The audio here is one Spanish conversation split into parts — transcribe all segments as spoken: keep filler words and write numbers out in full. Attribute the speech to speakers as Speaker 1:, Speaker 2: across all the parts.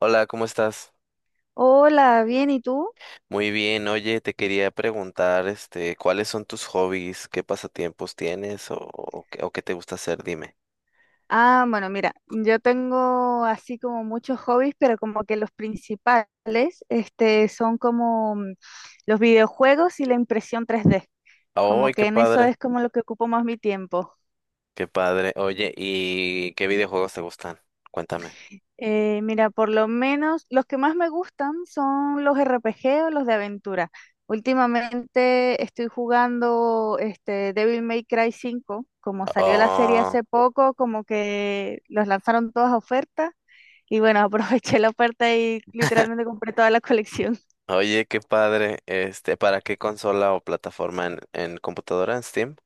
Speaker 1: Hola, ¿cómo estás?
Speaker 2: Hola, bien, ¿y tú?
Speaker 1: Muy bien, oye, te quería preguntar, este, ¿cuáles son tus hobbies? ¿Qué pasatiempos tienes o, o qué, o qué te gusta hacer? Dime.
Speaker 2: Ah, bueno, mira, yo tengo así como muchos hobbies, pero como que los principales, este, son como mm, los videojuegos y la impresión tres d. Como
Speaker 1: ¡Ay,
Speaker 2: que
Speaker 1: qué
Speaker 2: en eso
Speaker 1: padre!
Speaker 2: es como lo que ocupo más mi tiempo.
Speaker 1: ¡Qué padre! Oye, ¿y qué videojuegos te gustan? Cuéntame.
Speaker 2: Eh, mira, por lo menos los que más me gustan son los R P G o los de aventura. Últimamente estoy jugando este Devil May Cry cinco, como salió la serie
Speaker 1: Oh,
Speaker 2: hace poco, como que los lanzaron todas a oferta. Y bueno, aproveché la oferta y literalmente compré toda la colección.
Speaker 1: oye, qué padre. Este, ¿para qué consola o plataforma en, en computadora en Steam?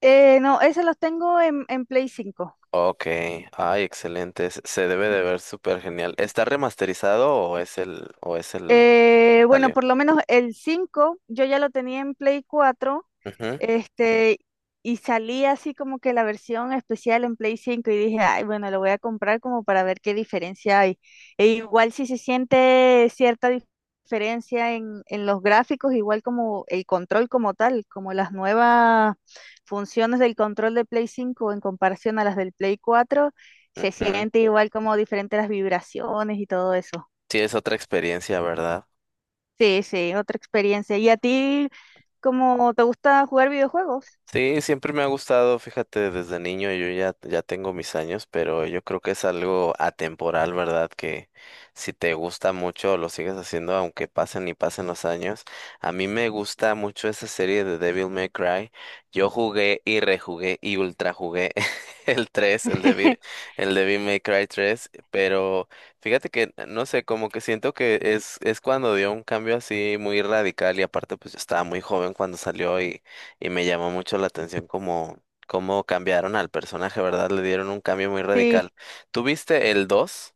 Speaker 2: Eh, no, esos los tengo en, en Play cinco.
Speaker 1: Ok, ay, excelente. Se se debe de ver súper genial. ¿Está remasterizado o es el, o es el,
Speaker 2: Eh, bueno,
Speaker 1: salió?
Speaker 2: por lo menos el cinco, yo ya lo tenía en Play cuatro,
Speaker 1: Ujú,
Speaker 2: este, y salía así como que la versión especial en Play cinco y dije, ay, bueno, lo voy a comprar como para ver qué diferencia hay. E igual si se siente cierta dif- diferencia en, en los gráficos, igual como el control como tal, como las nuevas funciones del control de Play cinco en comparación a las del Play cuatro, se
Speaker 1: ujú.
Speaker 2: siente igual como diferentes las vibraciones y todo eso.
Speaker 1: Sí, es otra experiencia, ¿verdad?
Speaker 2: Sí, sí, otra experiencia. ¿Y a ti, cómo te gusta jugar videojuegos?
Speaker 1: Sí, siempre me ha gustado, fíjate, desde niño yo ya, ya tengo mis años, pero yo creo que es algo atemporal, ¿verdad? Que si te gusta mucho lo sigues haciendo aunque pasen y pasen los años. A mí me gusta mucho esa serie de Devil May Cry. Yo jugué y rejugué y ultra jugué el tres, el Devil, el Devil May Cry tres. Pero fíjate que, no sé, como que siento que es, es cuando dio un cambio así muy radical y aparte pues yo estaba muy joven cuando salió y me llamó mucho la atención cómo, cómo cambiaron al personaje, ¿verdad? Le dieron un cambio muy radical.
Speaker 2: Sí,
Speaker 1: ¿Tuviste el dos?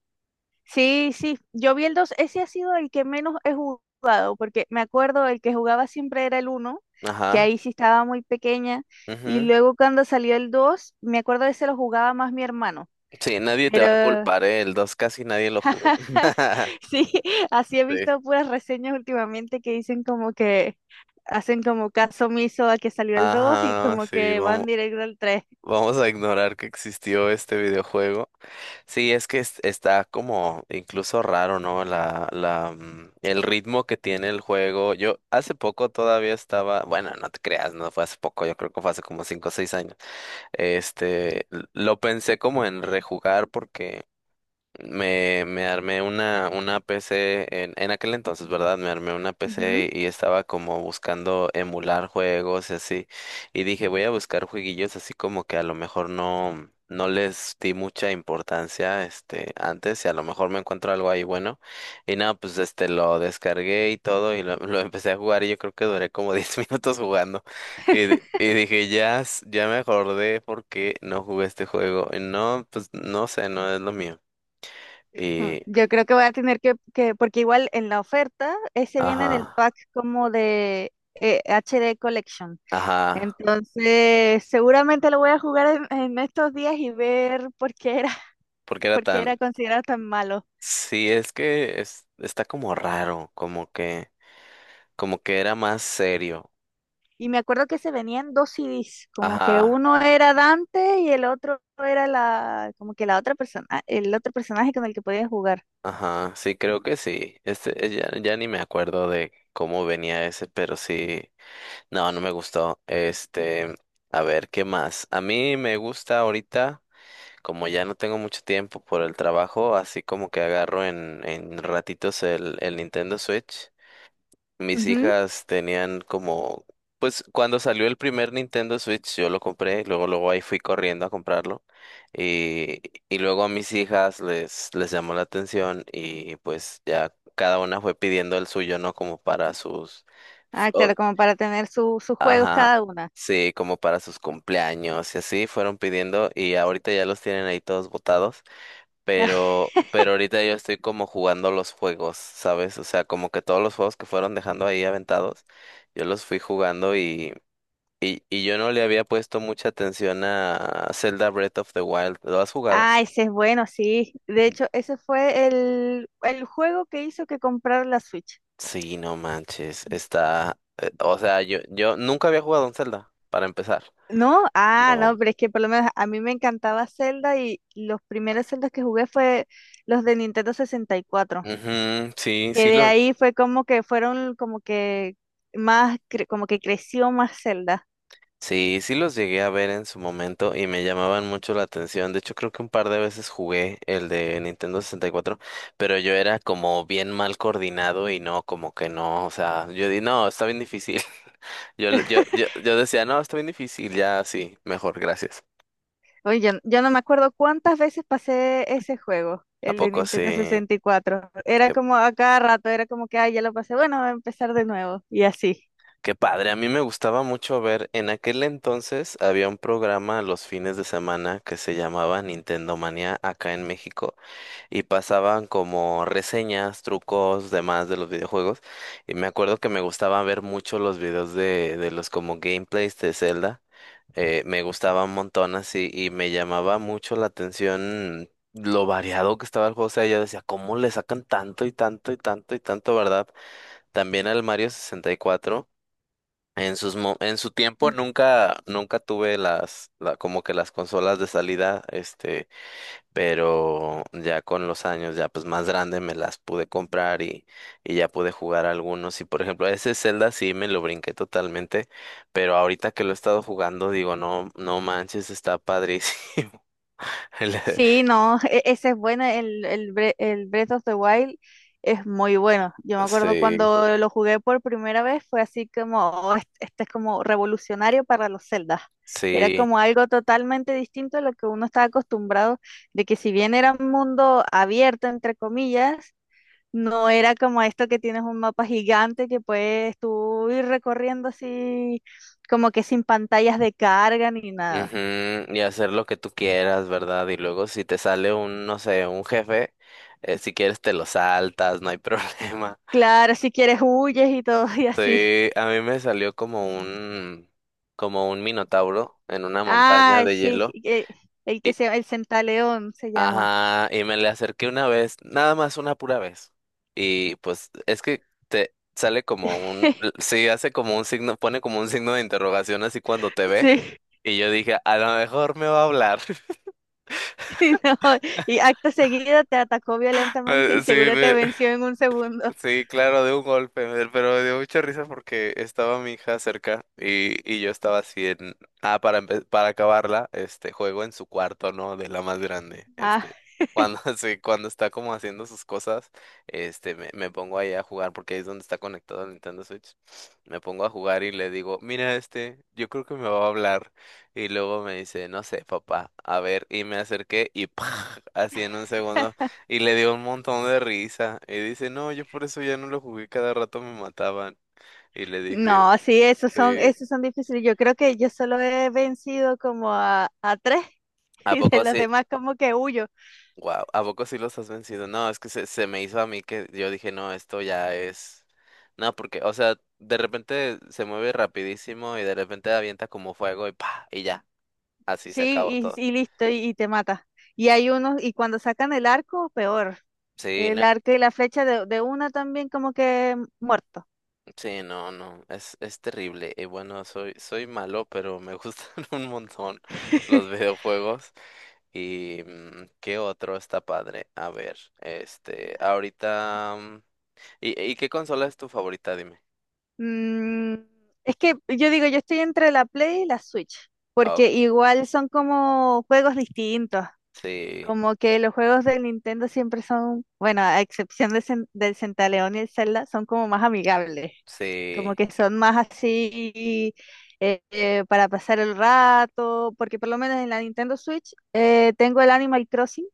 Speaker 2: sí, sí. Yo vi el dos. Ese ha sido el que menos he jugado, porque me acuerdo el que jugaba siempre era el uno, que
Speaker 1: Ajá.
Speaker 2: ahí sí estaba muy pequeña, y
Speaker 1: Ujú.
Speaker 2: luego cuando salió el dos, me acuerdo de ese lo jugaba más mi hermano,
Speaker 1: Sí, nadie te va a
Speaker 2: pero
Speaker 1: culpar, ¿eh? El dos casi nadie lo jugó.
Speaker 2: sí, así he
Speaker 1: Sí.
Speaker 2: visto puras reseñas últimamente que dicen como que hacen como caso omiso a que salió el dos y
Speaker 1: Ajá,
Speaker 2: como
Speaker 1: sí,
Speaker 2: que
Speaker 1: vamos,
Speaker 2: van directo al tres.
Speaker 1: vamos a ignorar que existió este videojuego. Sí, es que es- está como incluso raro, ¿no? La, la, mm, el ritmo que tiene el juego. Yo hace poco todavía estaba, bueno, no te creas, no fue hace poco, yo creo que fue hace como cinco o seis años. Este, lo pensé como en rejugar porque me, me armé una, una P C en, en aquel entonces, ¿verdad? Me armé una
Speaker 2: Ujú.
Speaker 1: P C y estaba como buscando emular juegos y así. Y dije, voy a buscar jueguillos así como que a lo mejor no, no les di mucha importancia, este, antes y a lo mejor me encuentro algo ahí bueno. Y nada, pues este, lo descargué y todo y lo, lo empecé a jugar y yo creo que duré como diez minutos jugando. Y, di- y dije, ya, s- ya me acordé porque no jugué este juego. Y no, pues no sé, no es lo mío.
Speaker 2: Oh,
Speaker 1: Y,
Speaker 2: yo creo que voy a tener que, que- porque igual en la oferta, ese viene
Speaker 1: ajá,
Speaker 2: en el pack como de eh, H D Collection.
Speaker 1: ajá,
Speaker 2: Entonces, seguramente lo voy a jugar en, en estos días y ver por qué era,
Speaker 1: porque era
Speaker 2: por qué
Speaker 1: tan,
Speaker 2: era considerado tan malo.
Speaker 1: sí, es que es, está como raro, como que, como que era más serio.
Speaker 2: Y me acuerdo que se venían dos C Ds, como que
Speaker 1: Ajá,
Speaker 2: uno era Dante y el otro era la, como que la otra persona, ah, el otro personaje con el que podías jugar.
Speaker 1: ajá, sí, creo que sí. Este, eh, ya, ya ni me acuerdo de cómo venía ese, pero sí, no, no me gustó. Este, a ver, ¿qué más? A mí me gusta ahorita, como ya no tengo mucho tiempo por el trabajo, así como que agarro en, en ratitos el, el Nintendo Switch. Mis
Speaker 2: Ujú.
Speaker 1: hijas tenían como, pues cuando salió el primer Nintendo Switch yo lo compré, luego luego ahí fui corriendo a comprarlo y, y luego a mis hijas les, les llamó la atención y pues ya cada una fue pidiendo el suyo, ¿no? Como para sus, f-
Speaker 2: Ah,
Speaker 1: o-
Speaker 2: claro, como para tener su- sus juegos
Speaker 1: ajá,
Speaker 2: cada una.
Speaker 1: sí, como para sus cumpleaños y así fueron pidiendo y ahorita ya los tienen ahí todos botados pero, pero ahorita yo estoy como jugando los juegos, ¿sabes? O sea, como que todos los juegos que fueron dejando ahí aventados, yo los fui jugando y, y, y yo no le había puesto mucha atención a Zelda Breath of the Wild. ¿Lo has jugado?
Speaker 2: Ah, ese es bueno, sí. De hecho, ese fue el, el juego que hizo que comprar la Switch.
Speaker 1: Sí, no manches, está, eh, o sea, yo, yo nunca había jugado un Zelda, para empezar.
Speaker 2: ¿No? Ah, no,
Speaker 1: No.
Speaker 2: pero es que por lo menos a mí me encantaba Zelda y los primeros Zeldas que jugué fue los de Nintendo sesenta y cuatro,
Speaker 1: Ujú, sí,
Speaker 2: que
Speaker 1: sí
Speaker 2: de
Speaker 1: lo.
Speaker 2: ahí fue como que fueron como que más, cre- como que creció más Zelda.
Speaker 1: Sí, sí los llegué a ver en su momento y me llamaban mucho la atención. De hecho, creo que un par de veces jugué el de Nintendo sesenta y cuatro, pero yo era como bien mal coordinado y no, como que no, o sea, yo di, no, está bien difícil. Yo, le- yo, yo, yo decía, no, está bien difícil, ya sí, mejor, gracias.
Speaker 2: Oye, yo, yo no me acuerdo cuántas veces pasé ese juego,
Speaker 1: ¿A
Speaker 2: el de
Speaker 1: poco sí?
Speaker 2: Nintendo sesenta y cuatro. Era
Speaker 1: Qué,
Speaker 2: como a cada rato, era como que, ah, ya lo pasé, bueno, voy a empezar de nuevo y así.
Speaker 1: qué padre. A mí me gustaba mucho ver, en aquel entonces había un programa los fines de semana que se llamaba Nintendo Manía acá en México y pasaban como reseñas, trucos, demás de los videojuegos. Y me acuerdo que me gustaba ver mucho los videos de, de los como gameplays de Zelda. Eh, me gustaba un montón así y me llamaba mucho la atención lo variado que estaba el juego. O sea, yo decía, ¿cómo le sacan tanto y tanto y tanto y tanto, verdad? También al Mario sesenta y cuatro. En sus mo- en su tiempo nunca nunca tuve las la, como que las consolas de salida, este pero ya con los años, ya pues más grande, me las pude comprar y, y ya pude jugar algunos. Y por ejemplo, ese Zelda sí me lo brinqué totalmente, pero ahorita que lo he estado jugando, digo, no, no manches, está padrísimo. El-
Speaker 2: Sí, no, e- ese es bueno, el, el, Bre- el Breath of the Wild es muy bueno. Yo me acuerdo
Speaker 1: Sí,
Speaker 2: cuando lo jugué por primera vez, fue así como, "Oh, este, este es como revolucionario para los Zeldas. Era
Speaker 1: sí.
Speaker 2: como algo totalmente distinto a lo que uno estaba acostumbrado, de que si bien era un mundo abierto, entre comillas, no era como esto que tienes un mapa gigante que puedes tú ir recorriendo así, como que sin pantallas de carga ni nada.
Speaker 1: Ujú. Y hacer lo que tú quieras, ¿verdad? Y luego si te sale un, no sé, un jefe, eh, si quieres te lo saltas, no hay problema.
Speaker 2: Claro, si quieres huyes y todo y así.
Speaker 1: Sí, a mí me salió como un, como un minotauro en una montaña
Speaker 2: Ah,
Speaker 1: de
Speaker 2: sí,
Speaker 1: hielo.
Speaker 2: eh, el que
Speaker 1: Y,
Speaker 2: se el Centaleón se llama.
Speaker 1: ajá, y me le acerqué una vez, nada más una pura vez. Y pues es que te sale como un, sí, hace como un signo, pone como un signo de interrogación así cuando te ve.
Speaker 2: Sí,
Speaker 1: Y yo dije, a lo mejor me va a hablar.
Speaker 2: no, y acto seguido te atacó violentamente
Speaker 1: Eh,
Speaker 2: y
Speaker 1: Sí,
Speaker 2: seguro te venció en un segundo.
Speaker 1: sí, claro, de un golpe, pero me dio mucha risa porque estaba mi hija cerca y, y yo estaba así en... Ah, para, empe- para acabarla, este juego en su cuarto, ¿no? De la más grande,
Speaker 2: Ah,
Speaker 1: este. Cuando, sí, cuando está como haciendo sus cosas, este, me, me pongo ahí a jugar porque ahí es donde está conectado el Nintendo Switch. Me pongo a jugar y le digo, mira este, yo creo que me va a hablar. Y luego me dice, no sé, papá, a ver, y me acerqué y ¡pah! Así en un segundo y le dio un montón de risa. Y dice, no, yo por eso ya no lo jugué, cada rato me mataban. Y le dije,
Speaker 2: no, sí, esos son,
Speaker 1: sí.
Speaker 2: esos son difíciles. Yo creo que yo solo he vencido como a, a tres
Speaker 1: ¿A
Speaker 2: y de
Speaker 1: poco
Speaker 2: los
Speaker 1: sí?
Speaker 2: demás como que huyo.
Speaker 1: Wow, ¿a poco sí los has vencido? No, es que se, se me hizo a mí que yo dije, no, esto ya es... No, porque, o sea, de repente se mueve rapidísimo y de repente avienta como fuego y pa, y ya, así se acabó
Speaker 2: Sí, y,
Speaker 1: todo.
Speaker 2: y listo, y, y te mata. Y hay unos, y cuando sacan el arco, peor.
Speaker 1: Sí,
Speaker 2: El
Speaker 1: no.
Speaker 2: arco y la flecha de, de una también como que muerto.
Speaker 1: Sí, no, no, es, es terrible. Y bueno, soy, soy malo, pero me gustan un montón los videojuegos. ¿Y mm, qué otro está padre? A ver, este, ahorita... mm, ¿Y, y qué consola es tu favorita? Dime.
Speaker 2: Mm, es que yo digo, yo estoy entre la Play y la Switch,
Speaker 1: Ah,
Speaker 2: porque
Speaker 1: ok.
Speaker 2: igual son como juegos distintos.
Speaker 1: Sí,
Speaker 2: Como que los juegos del Nintendo siempre son, bueno, a excepción de Cen- del Centaleón y el Zelda, son como más amigables. Como
Speaker 1: sí.
Speaker 2: que son más así eh, eh, para pasar el rato, porque por lo menos en la Nintendo Switch eh, tengo el Animal Crossing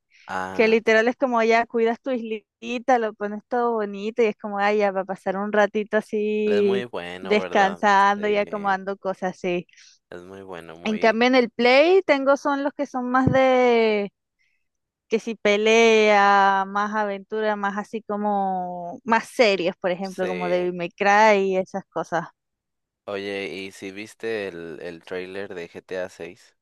Speaker 2: que
Speaker 1: Ah,
Speaker 2: literal es como ya cuidas tu islita, lo pones todo bonito y es como, ay, ya va a pasar un ratito
Speaker 1: es muy
Speaker 2: así
Speaker 1: bueno, ¿verdad?
Speaker 2: descansando y
Speaker 1: Sí,
Speaker 2: acomodando cosas así.
Speaker 1: es muy bueno,
Speaker 2: En
Speaker 1: muy...
Speaker 2: cambio en el Play tengo son los que son más de que si pelea, más aventura, más así como más serios, por ejemplo, como
Speaker 1: Sí.
Speaker 2: Devil May Cry y esas cosas.
Speaker 1: Oye, ¿y si viste el, el tráiler de G T A seis?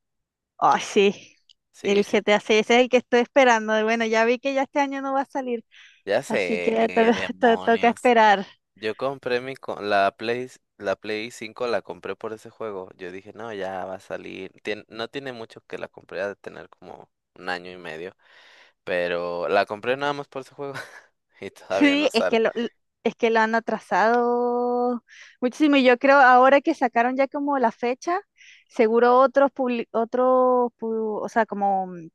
Speaker 2: Ay, sí.
Speaker 1: Sí,
Speaker 2: El
Speaker 1: sí.
Speaker 2: G T A seis ese es el que estoy esperando. Y bueno, ya vi que ya este año no va a salir,
Speaker 1: Ya
Speaker 2: así
Speaker 1: sé,
Speaker 2: que to- to- toca
Speaker 1: demonios.
Speaker 2: esperar.
Speaker 1: Yo compré mi co- la Play, la Play cinco la compré por ese juego. Yo dije, no, ya va a salir. Tien- no tiene mucho que la compré, ha de tener como un año y medio. Pero la compré nada más por ese juego. Y todavía
Speaker 2: Sí,
Speaker 1: no
Speaker 2: es que
Speaker 1: sale.
Speaker 2: lo, l- es que lo han atrasado muchísimo y yo creo ahora que sacaron ya como la fecha, seguro otros publi- otros, pu- o sea, como mm,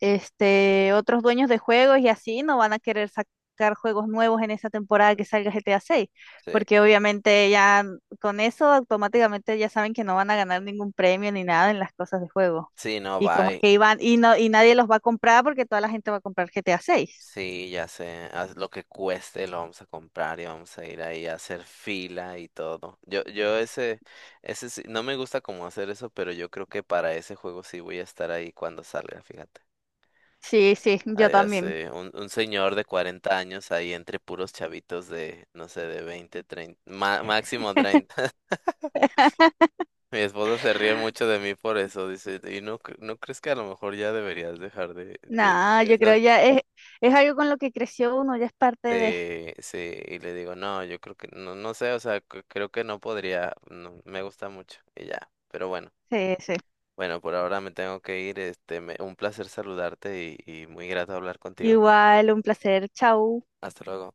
Speaker 2: este otros dueños de juegos y así no van a querer sacar juegos nuevos en esa temporada que salga G T A seis,
Speaker 1: Sí.
Speaker 2: porque obviamente ya mm, con eso automáticamente ya saben que no van a ganar ningún premio ni nada en las cosas de juego.
Speaker 1: Sí, no,
Speaker 2: Y como
Speaker 1: bye.
Speaker 2: que iban y no y nadie los va a comprar porque toda la gente va a comprar G T A seis.
Speaker 1: Sí, ya sé. Haz lo que cueste, lo vamos a comprar y vamos a ir ahí a hacer fila y todo. Yo, yo ese, ese sí- no me gusta como hacer eso, pero yo creo que para ese juego sí voy a estar ahí cuando salga, fíjate.
Speaker 2: Sí, sí,
Speaker 1: Ah,
Speaker 2: yo
Speaker 1: ya
Speaker 2: también.
Speaker 1: sé, un, un señor de cuarenta años ahí entre puros chavitos de, no sé, de veinte treinta ma- máximo treinta. Mi esposa se ríe mucho de mí por eso, dice, ¿y no, cre- no crees que a lo mejor ya deberías dejar de eh,
Speaker 2: Nada, yo creo
Speaker 1: esas?
Speaker 2: ya es, es algo con lo que creció uno, ya es parte de...
Speaker 1: Eh, sí, y le digo, no, yo creo que, no, no sé, o sea, c- creo que no podría, no, me gusta mucho, y ya, pero bueno,
Speaker 2: Sí, sí.
Speaker 1: bueno, por ahora me tengo que ir, este, me- un placer saludarte y, y muy grato hablar contigo.
Speaker 2: Igual, un placer. Chau.
Speaker 1: Hasta luego.